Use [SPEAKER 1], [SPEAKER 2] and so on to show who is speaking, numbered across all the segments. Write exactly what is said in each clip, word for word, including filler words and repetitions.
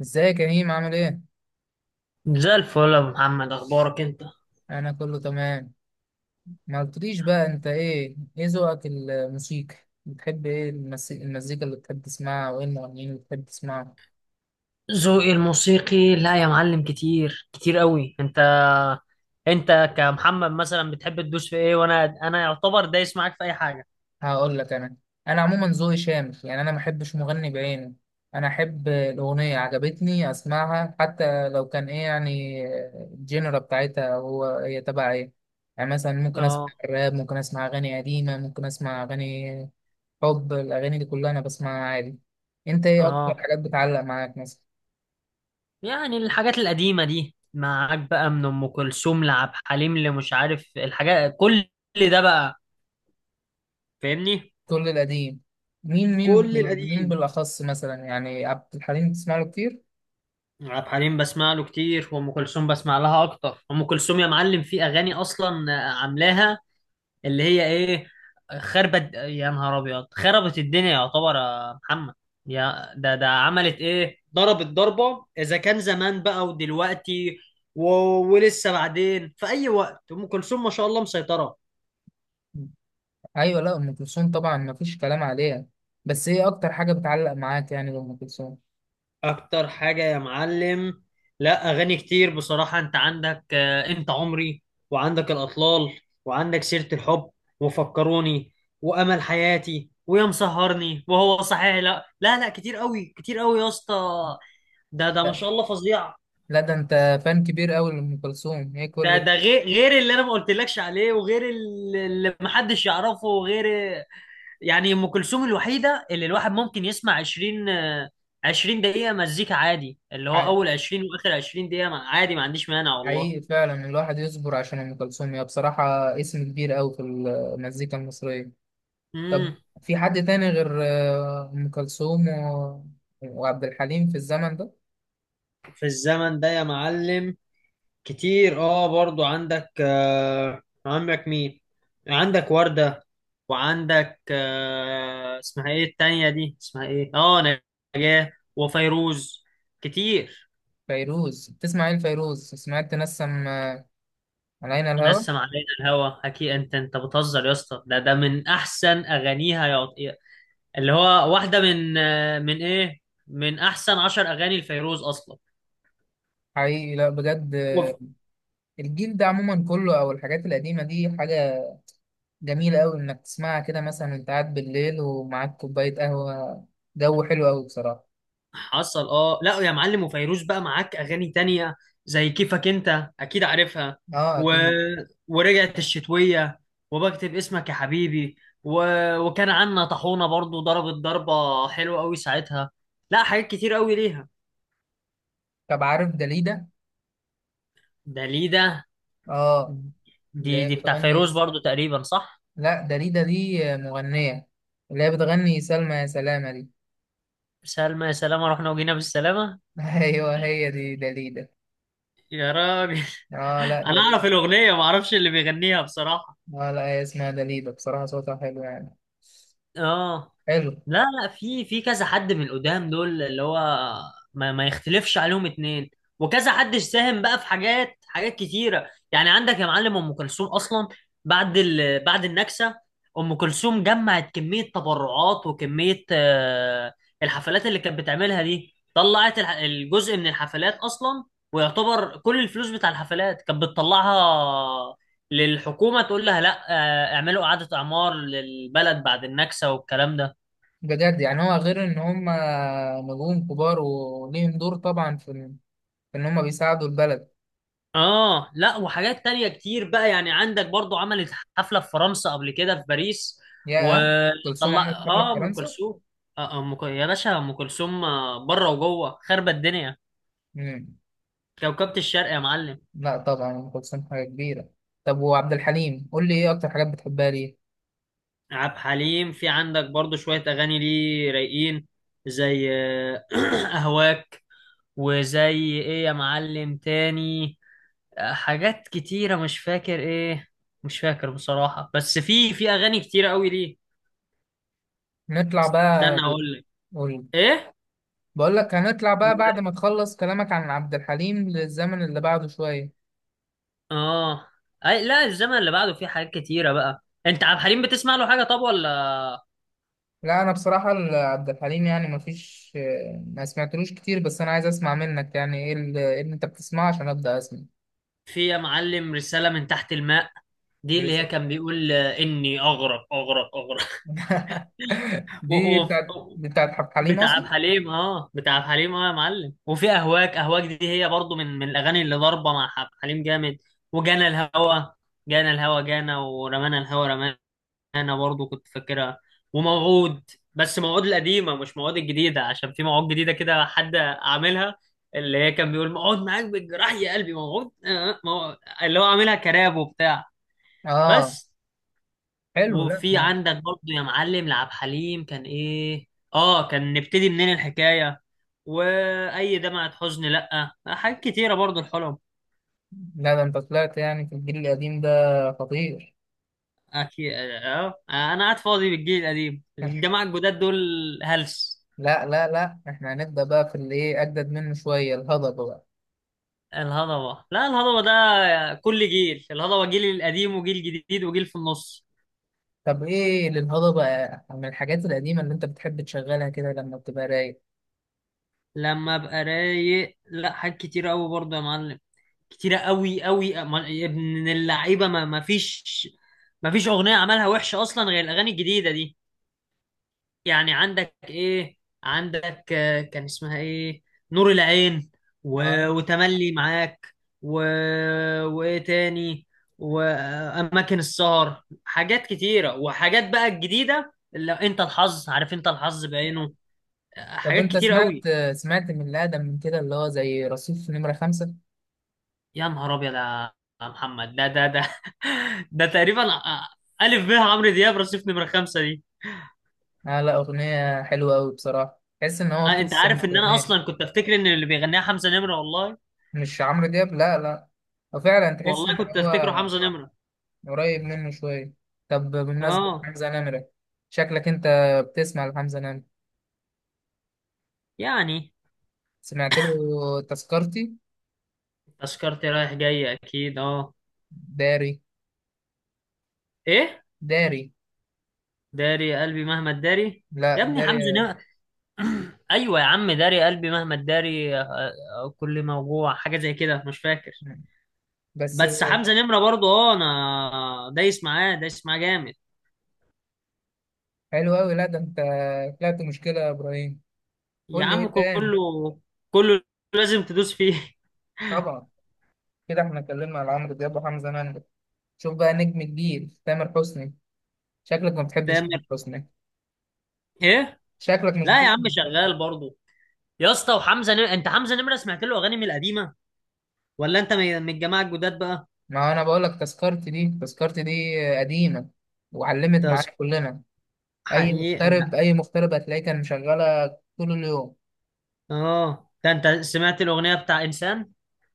[SPEAKER 1] ازيك يا هيم عامل ايه؟
[SPEAKER 2] زي الفل يا أبو محمد، اخبارك انت؟
[SPEAKER 1] انا كله تمام. ما قلتليش بقى انت ايه ايه ذوقك الموسيقى؟ بتحب ايه المس- المزيكا اللي بتحب تسمعها؟ وايه المغنيين اللي بتحب تسمعهم؟
[SPEAKER 2] ذوقي الموسيقي، لا يا معلم، كتير كتير قوي. انت انت كمحمد مثلا بتحب تدوس في ايه؟ وانا انا يعتبر دايس معاك في اي حاجه.
[SPEAKER 1] هقول لك انا. انا عموما ذوقي شامل، يعني انا ما احبش مغني بعينه. انا احب الاغنيه عجبتني اسمعها، حتى لو كان ايه يعني الجينرا بتاعتها هو هي تبع ايه. يعني مثلا ممكن اسمع
[SPEAKER 2] اه
[SPEAKER 1] راب، ممكن اسمع اغاني قديمه، ممكن اسمع اغاني حب. الأغاني دي كلها أنا بسمعها عادي. أنت إيه أكتر
[SPEAKER 2] اه
[SPEAKER 1] حاجات بتعلق معاك مثلا؟
[SPEAKER 2] يعني الحاجات القديمه دي معاك بقى، من ام كلثوم لعبد الحليم، اللي مش عارف الحاجات، كل ده بقى، فاهمني.
[SPEAKER 1] كل القديم. مين مين
[SPEAKER 2] كل
[SPEAKER 1] بال- مين
[SPEAKER 2] القديم.
[SPEAKER 1] بالأخص مثلا؟ يعني عبد الحليم بتسمع له كتير؟
[SPEAKER 2] عبد الحليم بسمع له كتير، وام كلثوم بسمع لها اكتر. ام كلثوم يا معلم في اغاني اصلا عاملاها، اللي هي ايه، خربت، يا نهار ابيض خربت الدنيا، يعتبر يا محمد. يا ده ده عملت ايه، ضربت ضربة، اذا كان زمان بقى ودلوقتي و... ولسه بعدين، في اي وقت ام كلثوم ما شاء الله مسيطرة.
[SPEAKER 1] أيوة، لا أم كلثوم طبعا مفيش كلام عليها. بس إيه أكتر حاجة بتعلق معاك يعني لأم كلثوم؟
[SPEAKER 2] اكتر حاجة يا معلم؟ لا، اغاني كتير بصراحة. انت عندك آه، انت عمري، وعندك الاطلال، وعندك سيرة الحب، وفكروني، وامل حياتي، ويا مسهرني، وهو صحيح. لا لا لا، كتير قوي كتير قوي يا اسطى. ده ده ما
[SPEAKER 1] لا،
[SPEAKER 2] شاء الله فظيع.
[SPEAKER 1] لا ده أنت فان كبير أوي لأم كلثوم. هي
[SPEAKER 2] ده
[SPEAKER 1] كل.
[SPEAKER 2] ده غير غير اللي انا ما قلتلكش عليه، وغير ال- اللي محدش يعرفه، وغير يعني، ام كلثوم الوحيده اللي الواحد ممكن يسمع عشرين آه، عشرين دقيقه مزيكا عادي، اللي هو
[SPEAKER 1] ح-
[SPEAKER 2] اول عشرين واخر عشرين دقيقه ما- عادي، ما عنديش مانع والله.
[SPEAKER 1] حقيقي فعلا الواحد يصبر عشان أم كلثوم. هي بصراحة اسم كبير أوي في المزيكا المصرية. طب
[SPEAKER 2] امم
[SPEAKER 1] في حد تاني غير آه، أم كلثوم و... وعبد الحليم في الزمن ده؟
[SPEAKER 2] في الزمن ده يا معلم، كتير اه برضو. عندك آه عندك مين، عندك وردة، وعندك آه اسمها ايه التانية دي، اسمها ايه، اه، نجاة وفيروز، كتير.
[SPEAKER 1] فيروز تسمع ايه لفيروز؟ سمعت تنسم آه، علينا الهوى؟
[SPEAKER 2] نسم علينا الهوى اكيد. انت انت بتهزر يا اسطى؟ ده ده من احسن اغانيها يا عط- اللي هو واحدة من آه من ايه، من احسن عشر اغاني لفيروز اصلا.
[SPEAKER 1] حقيقي لا بجد، آه، الجيل ده عموما كله او الحاجات القديمة دي حاجة جميلة قوي انك تسمعها كده مثلا، وانت قاعد بالليل ومعاك كوباية قهوة. جو حلو قوي بصراحة.
[SPEAKER 2] حصل. اه لا يا معلم، وفيروز بقى معاك اغاني تانية زي كيفك انت، اكيد عارفها،
[SPEAKER 1] اه
[SPEAKER 2] و...
[SPEAKER 1] اكيد.
[SPEAKER 2] ورجعت الشتوية، وبكتب اسمك يا حبيبي، و... وكان عنا طحونة برضو ضربت ضربة حلوة قوي ساعتها. لا حاجات كتير قوي ليها.
[SPEAKER 1] طب عارف داليدا؟
[SPEAKER 2] ده ليه ده؟
[SPEAKER 1] اه. اللي
[SPEAKER 2] دي
[SPEAKER 1] هي
[SPEAKER 2] دي بتاع
[SPEAKER 1] بتغني.
[SPEAKER 2] فيروز برضو تقريبا، صح؟
[SPEAKER 1] لا داليدا دي آه، مغنية. اللي هي بتغني سلمى يا سلامة دي.
[SPEAKER 2] سلمى يا سلامة، رحنا وجينا بالسلامة.
[SPEAKER 1] ايوه، هي دي دليدة.
[SPEAKER 2] يا راجل
[SPEAKER 1] اه، لا
[SPEAKER 2] انا اعرف
[SPEAKER 1] دليدة.
[SPEAKER 2] الاغنية، ما اعرفش اللي بيغنيها بصراحة.
[SPEAKER 1] اه، لا هي اسمها دليدة. بصراحة صوتها حلو يعني.
[SPEAKER 2] اه.
[SPEAKER 1] حلو.
[SPEAKER 2] لا لا، في في كذا حد من القدام دول، اللي هو ما, ما يختلفش عليهم اتنين، وكذا حد ساهم بقى في حاجات، حاجات كتيره. يعني عندك يا معلم ام كلثوم اصلا بعد ال... بعد النكسه، ام كلثوم جمعت كميه تبرعات وكميه آه، الحفلات اللي كانت بتعملها دي، طلعت الح- الجزء من الحفلات اصلا، ويعتبر كل الفلوس بتاع الحفلات كانت بتطلعها للحكومه، تقول لها لا آه، اعملوا اعاده اعمار للبلد بعد النكسه والكلام ده.
[SPEAKER 1] بجد يعني هو غير ان هم نجوم كبار وليهم دور طبعا في ال- في ان هم بيساعدوا البلد.
[SPEAKER 2] اه لا وحاجات تانية كتير بقى. يعني عندك برضو عملت حفلة في فرنسا قبل كده، في باريس،
[SPEAKER 1] يا أم كلثوم
[SPEAKER 2] وطلع
[SPEAKER 1] عملت حفلة في
[SPEAKER 2] اه، ام
[SPEAKER 1] فرنسا!
[SPEAKER 2] كلثوم آه ام ك- يا باشا، ام كلثوم آه، بره وجوه خربت الدنيا،
[SPEAKER 1] مم.
[SPEAKER 2] كوكبة الشرق يا معلم.
[SPEAKER 1] لا طبعا ام كلثوم حاجة كبيرة. طب وعبد الحليم قول لي ايه اكتر حاجات بتحبها ليه؟
[SPEAKER 2] عبد الحليم في عندك برضو شوية اغاني ليه رايقين، زي آه، اهواك، وزي ايه يا معلم تاني، آه، حاجات كتيرة مش فاكر ايه، مش فاكر بصراحة، بس في في اغاني كتيرة قوي ليه.
[SPEAKER 1] نطلع
[SPEAKER 2] استنى
[SPEAKER 1] بقى.
[SPEAKER 2] هقول لك
[SPEAKER 1] قول.
[SPEAKER 2] ايه.
[SPEAKER 1] بقول لك هنطلع
[SPEAKER 2] و...
[SPEAKER 1] بقى بعد ما تخلص كلامك عن عبد الحليم للزمن اللي بعده شوية.
[SPEAKER 2] اه. أي... لا، الزمن اللي بعده فيه حاجات كتيرة بقى. انت عبد الحليم بتسمع له حاجة طب ولا؟
[SPEAKER 1] لا انا بصراحه ال- عبد الحليم يعني ما فيش، ما سمعتلوش كتير. بس انا عايز اسمع منك يعني ايه ال- إيه اللي انت بتسمعه عشان ابدا اسمع.
[SPEAKER 2] في يا معلم رسالة من تحت الماء، دي اللي هي
[SPEAKER 1] لسه.
[SPEAKER 2] كان بيقول آه، اني اغرق اغرق اغرق. و...
[SPEAKER 1] دي
[SPEAKER 2] و...
[SPEAKER 1] بتاعت دي بتاعت عبد الحليم
[SPEAKER 2] بتاع عبد
[SPEAKER 1] اصلا.
[SPEAKER 2] الحليم، اه بتاع عبد الحليم اه يا معلم، وفي اهواك. اهواك دي هي برضو من من الاغاني اللي ضاربة مع عبد الحليم جامد، وجانا الهوى. جانا الهوى جانا، ورمانا الهوى رمانا. انا برضو كنت فاكرها. وموعود، بس موعود القديمه مش موعود الجديده، عشان في موعود جديده كده حد عاملها، اللي هي كان بيقول موعود معاك بالجراح يا قلبي، موعود آه، موعود، اللي هو عاملها كراب وبتاع.
[SPEAKER 1] اه.
[SPEAKER 2] بس.
[SPEAKER 1] حلو. لا،
[SPEAKER 2] وفي عندك برضو يا معلم لعب حليم، كان ايه، اه، كان نبتدي منين الحكايه، واي دمعة حزن. لا حاجات كتيره برضو، الحلم.
[SPEAKER 1] لا ده انت طلعت يعني في الجيل القديم ده خطير.
[SPEAKER 2] اكيد اه آه، انا قاعد فاضي بالجيل القديم؟ الجماعه الجداد دول هلس.
[SPEAKER 1] لا، لا، لا احنا هنبدا بقى في اللي ايه اجدد منه شويه، الهضبه بقى.
[SPEAKER 2] الهضبة، لا الهضبة ده كل جيل، الهضبة جيل القديم وجيل جديد وجيل في النص.
[SPEAKER 1] طب ايه للهضبه من الحاجات القديمه اللي انت بتحب تشغلها كده لما بتبقى رايق؟
[SPEAKER 2] لما ابقى رايق؟ لا حاجات كتيرة قوي برضه يا معلم، كتيرة قوي قوي. ما- يا ابن اللعيبة، ما ما فيش، ما فيش أغنية عملها وحشة أصلا غير الأغاني الجديدة دي. يعني عندك ايه؟ عندك آه، كان اسمها ايه، نور العين، و...
[SPEAKER 1] اه.
[SPEAKER 2] وتملي معاك، و... وايه تاني، واماكن السهر. حاجات كتيره، وحاجات بقى الجديده، اللي انت الحظ، عارف، انت الحظ بعينه. آه،
[SPEAKER 1] طب
[SPEAKER 2] حاجات
[SPEAKER 1] انت
[SPEAKER 2] كتير قوي.
[SPEAKER 1] سمعت؟ سمعت من الادم من كده اللي هو زي رصيف نمرة خمسة؟
[SPEAKER 2] يا نهار ابيض يا محمد، ده ده ده. ده تقريبا آه، الف ب عمرو دياب رصيف نمره خمسه دي.
[SPEAKER 1] اه لا، اغنية حلوة اوي بصراحة. تحس ان هو
[SPEAKER 2] آه، انت
[SPEAKER 1] قصة
[SPEAKER 2] عارف
[SPEAKER 1] مش
[SPEAKER 2] ان انا
[SPEAKER 1] اغنية.
[SPEAKER 2] اصلا كنت افتكر ان اللي بيغنيها حمزه نمره والله.
[SPEAKER 1] مش عمرو دياب؟ لا، لا. وفعلا تحس
[SPEAKER 2] والله
[SPEAKER 1] ان
[SPEAKER 2] كنت
[SPEAKER 1] هو
[SPEAKER 2] افتكره حمزه نمره.
[SPEAKER 1] قريب منه شوية. طب بمناسبة
[SPEAKER 2] اه
[SPEAKER 1] حمزة نمرة، شكلك انت بتسمع لحمزة نمرة.
[SPEAKER 2] يعني.
[SPEAKER 1] سمعت له تذكرتي؟
[SPEAKER 2] تذكرتي، رايح جاي، اكيد اه.
[SPEAKER 1] داري.
[SPEAKER 2] ايه؟
[SPEAKER 1] داري.
[SPEAKER 2] داري قلبي مهما تداري. يا
[SPEAKER 1] لا
[SPEAKER 2] ابني حمزة
[SPEAKER 1] داري.
[SPEAKER 2] نمرة. ايوه يا عم، داري قلبي مهما تداري آه، آه، كل موجوع حاجه زي كده مش فاكر.
[SPEAKER 1] بس.
[SPEAKER 2] بس حمزة نمرة برضو، اه انا دايس معاه، دايس معاه جامد.
[SPEAKER 1] حلو اوي. لا ده انت طلعت مشكلة يا ابراهيم.
[SPEAKER 2] يا
[SPEAKER 1] قول لي
[SPEAKER 2] عم
[SPEAKER 1] ايه تاني؟
[SPEAKER 2] كله، كله لازم تدوس فيه.
[SPEAKER 1] طبعا. كده احنا اتكلمنا على عمرو دياب وحمزة نمرة. شوف بقى نجم كبير تامر حسني. شكلك ما بتحبش تامر
[SPEAKER 2] تامر
[SPEAKER 1] حسني؟
[SPEAKER 2] ايه؟
[SPEAKER 1] شكلك مش
[SPEAKER 2] لا يا عم
[SPEAKER 1] بتحب تامر حسني.
[SPEAKER 2] شغال برضو يا اسطى. وحمزة نمرة، انت حمزة نمرة سمعت له اغاني من القديمه، ولا انت من من الجماعه الجداد بقى؟
[SPEAKER 1] ما انا بقول لك تذكرتي دي، تذكرتي دي قديمة وعلمت
[SPEAKER 2] تذكر،
[SPEAKER 1] معاك كلنا. اي
[SPEAKER 2] حقيقي
[SPEAKER 1] مغترب، اي مغترب هتلاقيه كان مشغلة طول اليوم.
[SPEAKER 2] اه. ده انت سمعت الاغنيه بتاع انسان،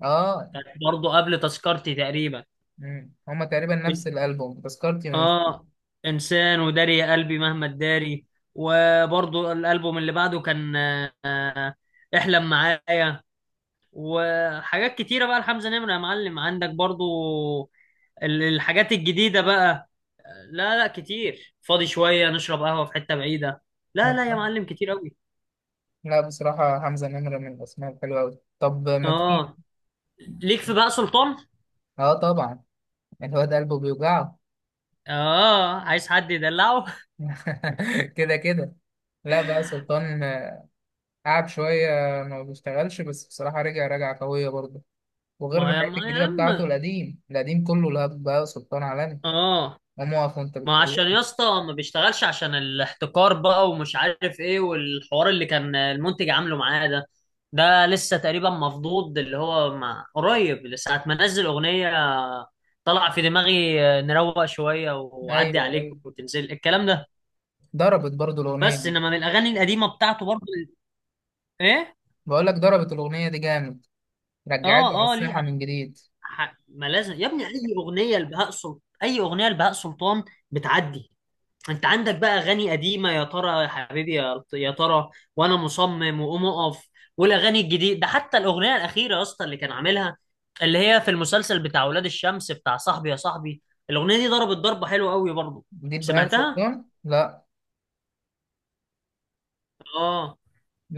[SPEAKER 1] اه.
[SPEAKER 2] كانت برضه قبل تذكرتي تقريبا.
[SPEAKER 1] مم. هما تقريبا نفس الالبوم تذكرتي من.
[SPEAKER 2] اه، انسان، وداري يا قلبي مهما تداري، وبرضه الالبوم اللي بعده كان آه، احلم معايا. وحاجات كتيره بقى لحمزه نمره يا معلم، عندك برضه ال- الحاجات الجديده بقى. لا لا كتير، فاضي شويه نشرب قهوه في حته بعيده. لا لا يا معلم كتير قوي.
[SPEAKER 1] لا بصراحة حمزة نمرة من الاسماء الحلوة أوي. طب ما تيجي.
[SPEAKER 2] اه ليك، في بقى سلطان.
[SPEAKER 1] اه طبعا، الواد قلبه بيوجعه.
[SPEAKER 2] اه، عايز حد يدلعه.
[SPEAKER 1] كده كده. لا بقى سلطان، آه، قعد شوية ما بيشتغلش، بس بصراحة رجع رجعة قوية برضه. وغير
[SPEAKER 2] ما
[SPEAKER 1] الحاجات
[SPEAKER 2] هو يا
[SPEAKER 1] الجديدة بتاعته،
[SPEAKER 2] عم،
[SPEAKER 1] القديم القديم كله لهب. بقى سلطان عالمي.
[SPEAKER 2] اه.
[SPEAKER 1] قام واقف وانت
[SPEAKER 2] ما عشان يا
[SPEAKER 1] بتكلمني؟
[SPEAKER 2] اسطى ما بيشتغلش عشان الاحتكار بقى، ومش عارف ايه، والحوار اللي كان المنتج عامله معاه ده، ده لسه تقريبا مفضوض، اللي هو ما قريب لساعة ما نزل اغنية، طلع في دماغي نروق شوية وعدي
[SPEAKER 1] ايوه،
[SPEAKER 2] عليك
[SPEAKER 1] ايوه.
[SPEAKER 2] وتنزل الكلام ده.
[SPEAKER 1] ضربت برضه الأغنية
[SPEAKER 2] بس
[SPEAKER 1] دي.
[SPEAKER 2] انما من الاغاني القديمة بتاعته برضه، ايه،
[SPEAKER 1] بقول لك ضربت الأغنية دي جامد. رجعت على
[SPEAKER 2] اه اه ليه،
[SPEAKER 1] الساحة من جديد.
[SPEAKER 2] ح- ما لازم يا ابني اي اغنية لبهاء سلطان، اي اغنية لبهاء سلطان بتعدي. انت عندك بقى اغاني قديمه، يا ترى يا حبيبي يا يا ترى، وانا مصمم، وقوم اقف. والاغاني الجديده ده، حتى الاغنيه الاخيره يا اسطى اللي كان عاملها، اللي هي في المسلسل بتاع ولاد الشمس، بتاع صاحبي يا صاحبي، الاغنيه دي ضربت ضربه حلوه قوي برضه.
[SPEAKER 1] جديد بهاء
[SPEAKER 2] سمعتها
[SPEAKER 1] سلطان؟ لا،
[SPEAKER 2] اه.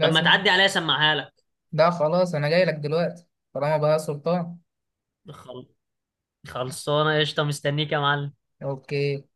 [SPEAKER 2] طب ما تعدي عليا اسمعها لك.
[SPEAKER 1] ده خلاص أنا جاي لك دلوقتي طالما بهاء سلطان.
[SPEAKER 2] خل- خلصانه قشطه، مستنيك يا معلم.
[SPEAKER 1] أوكي.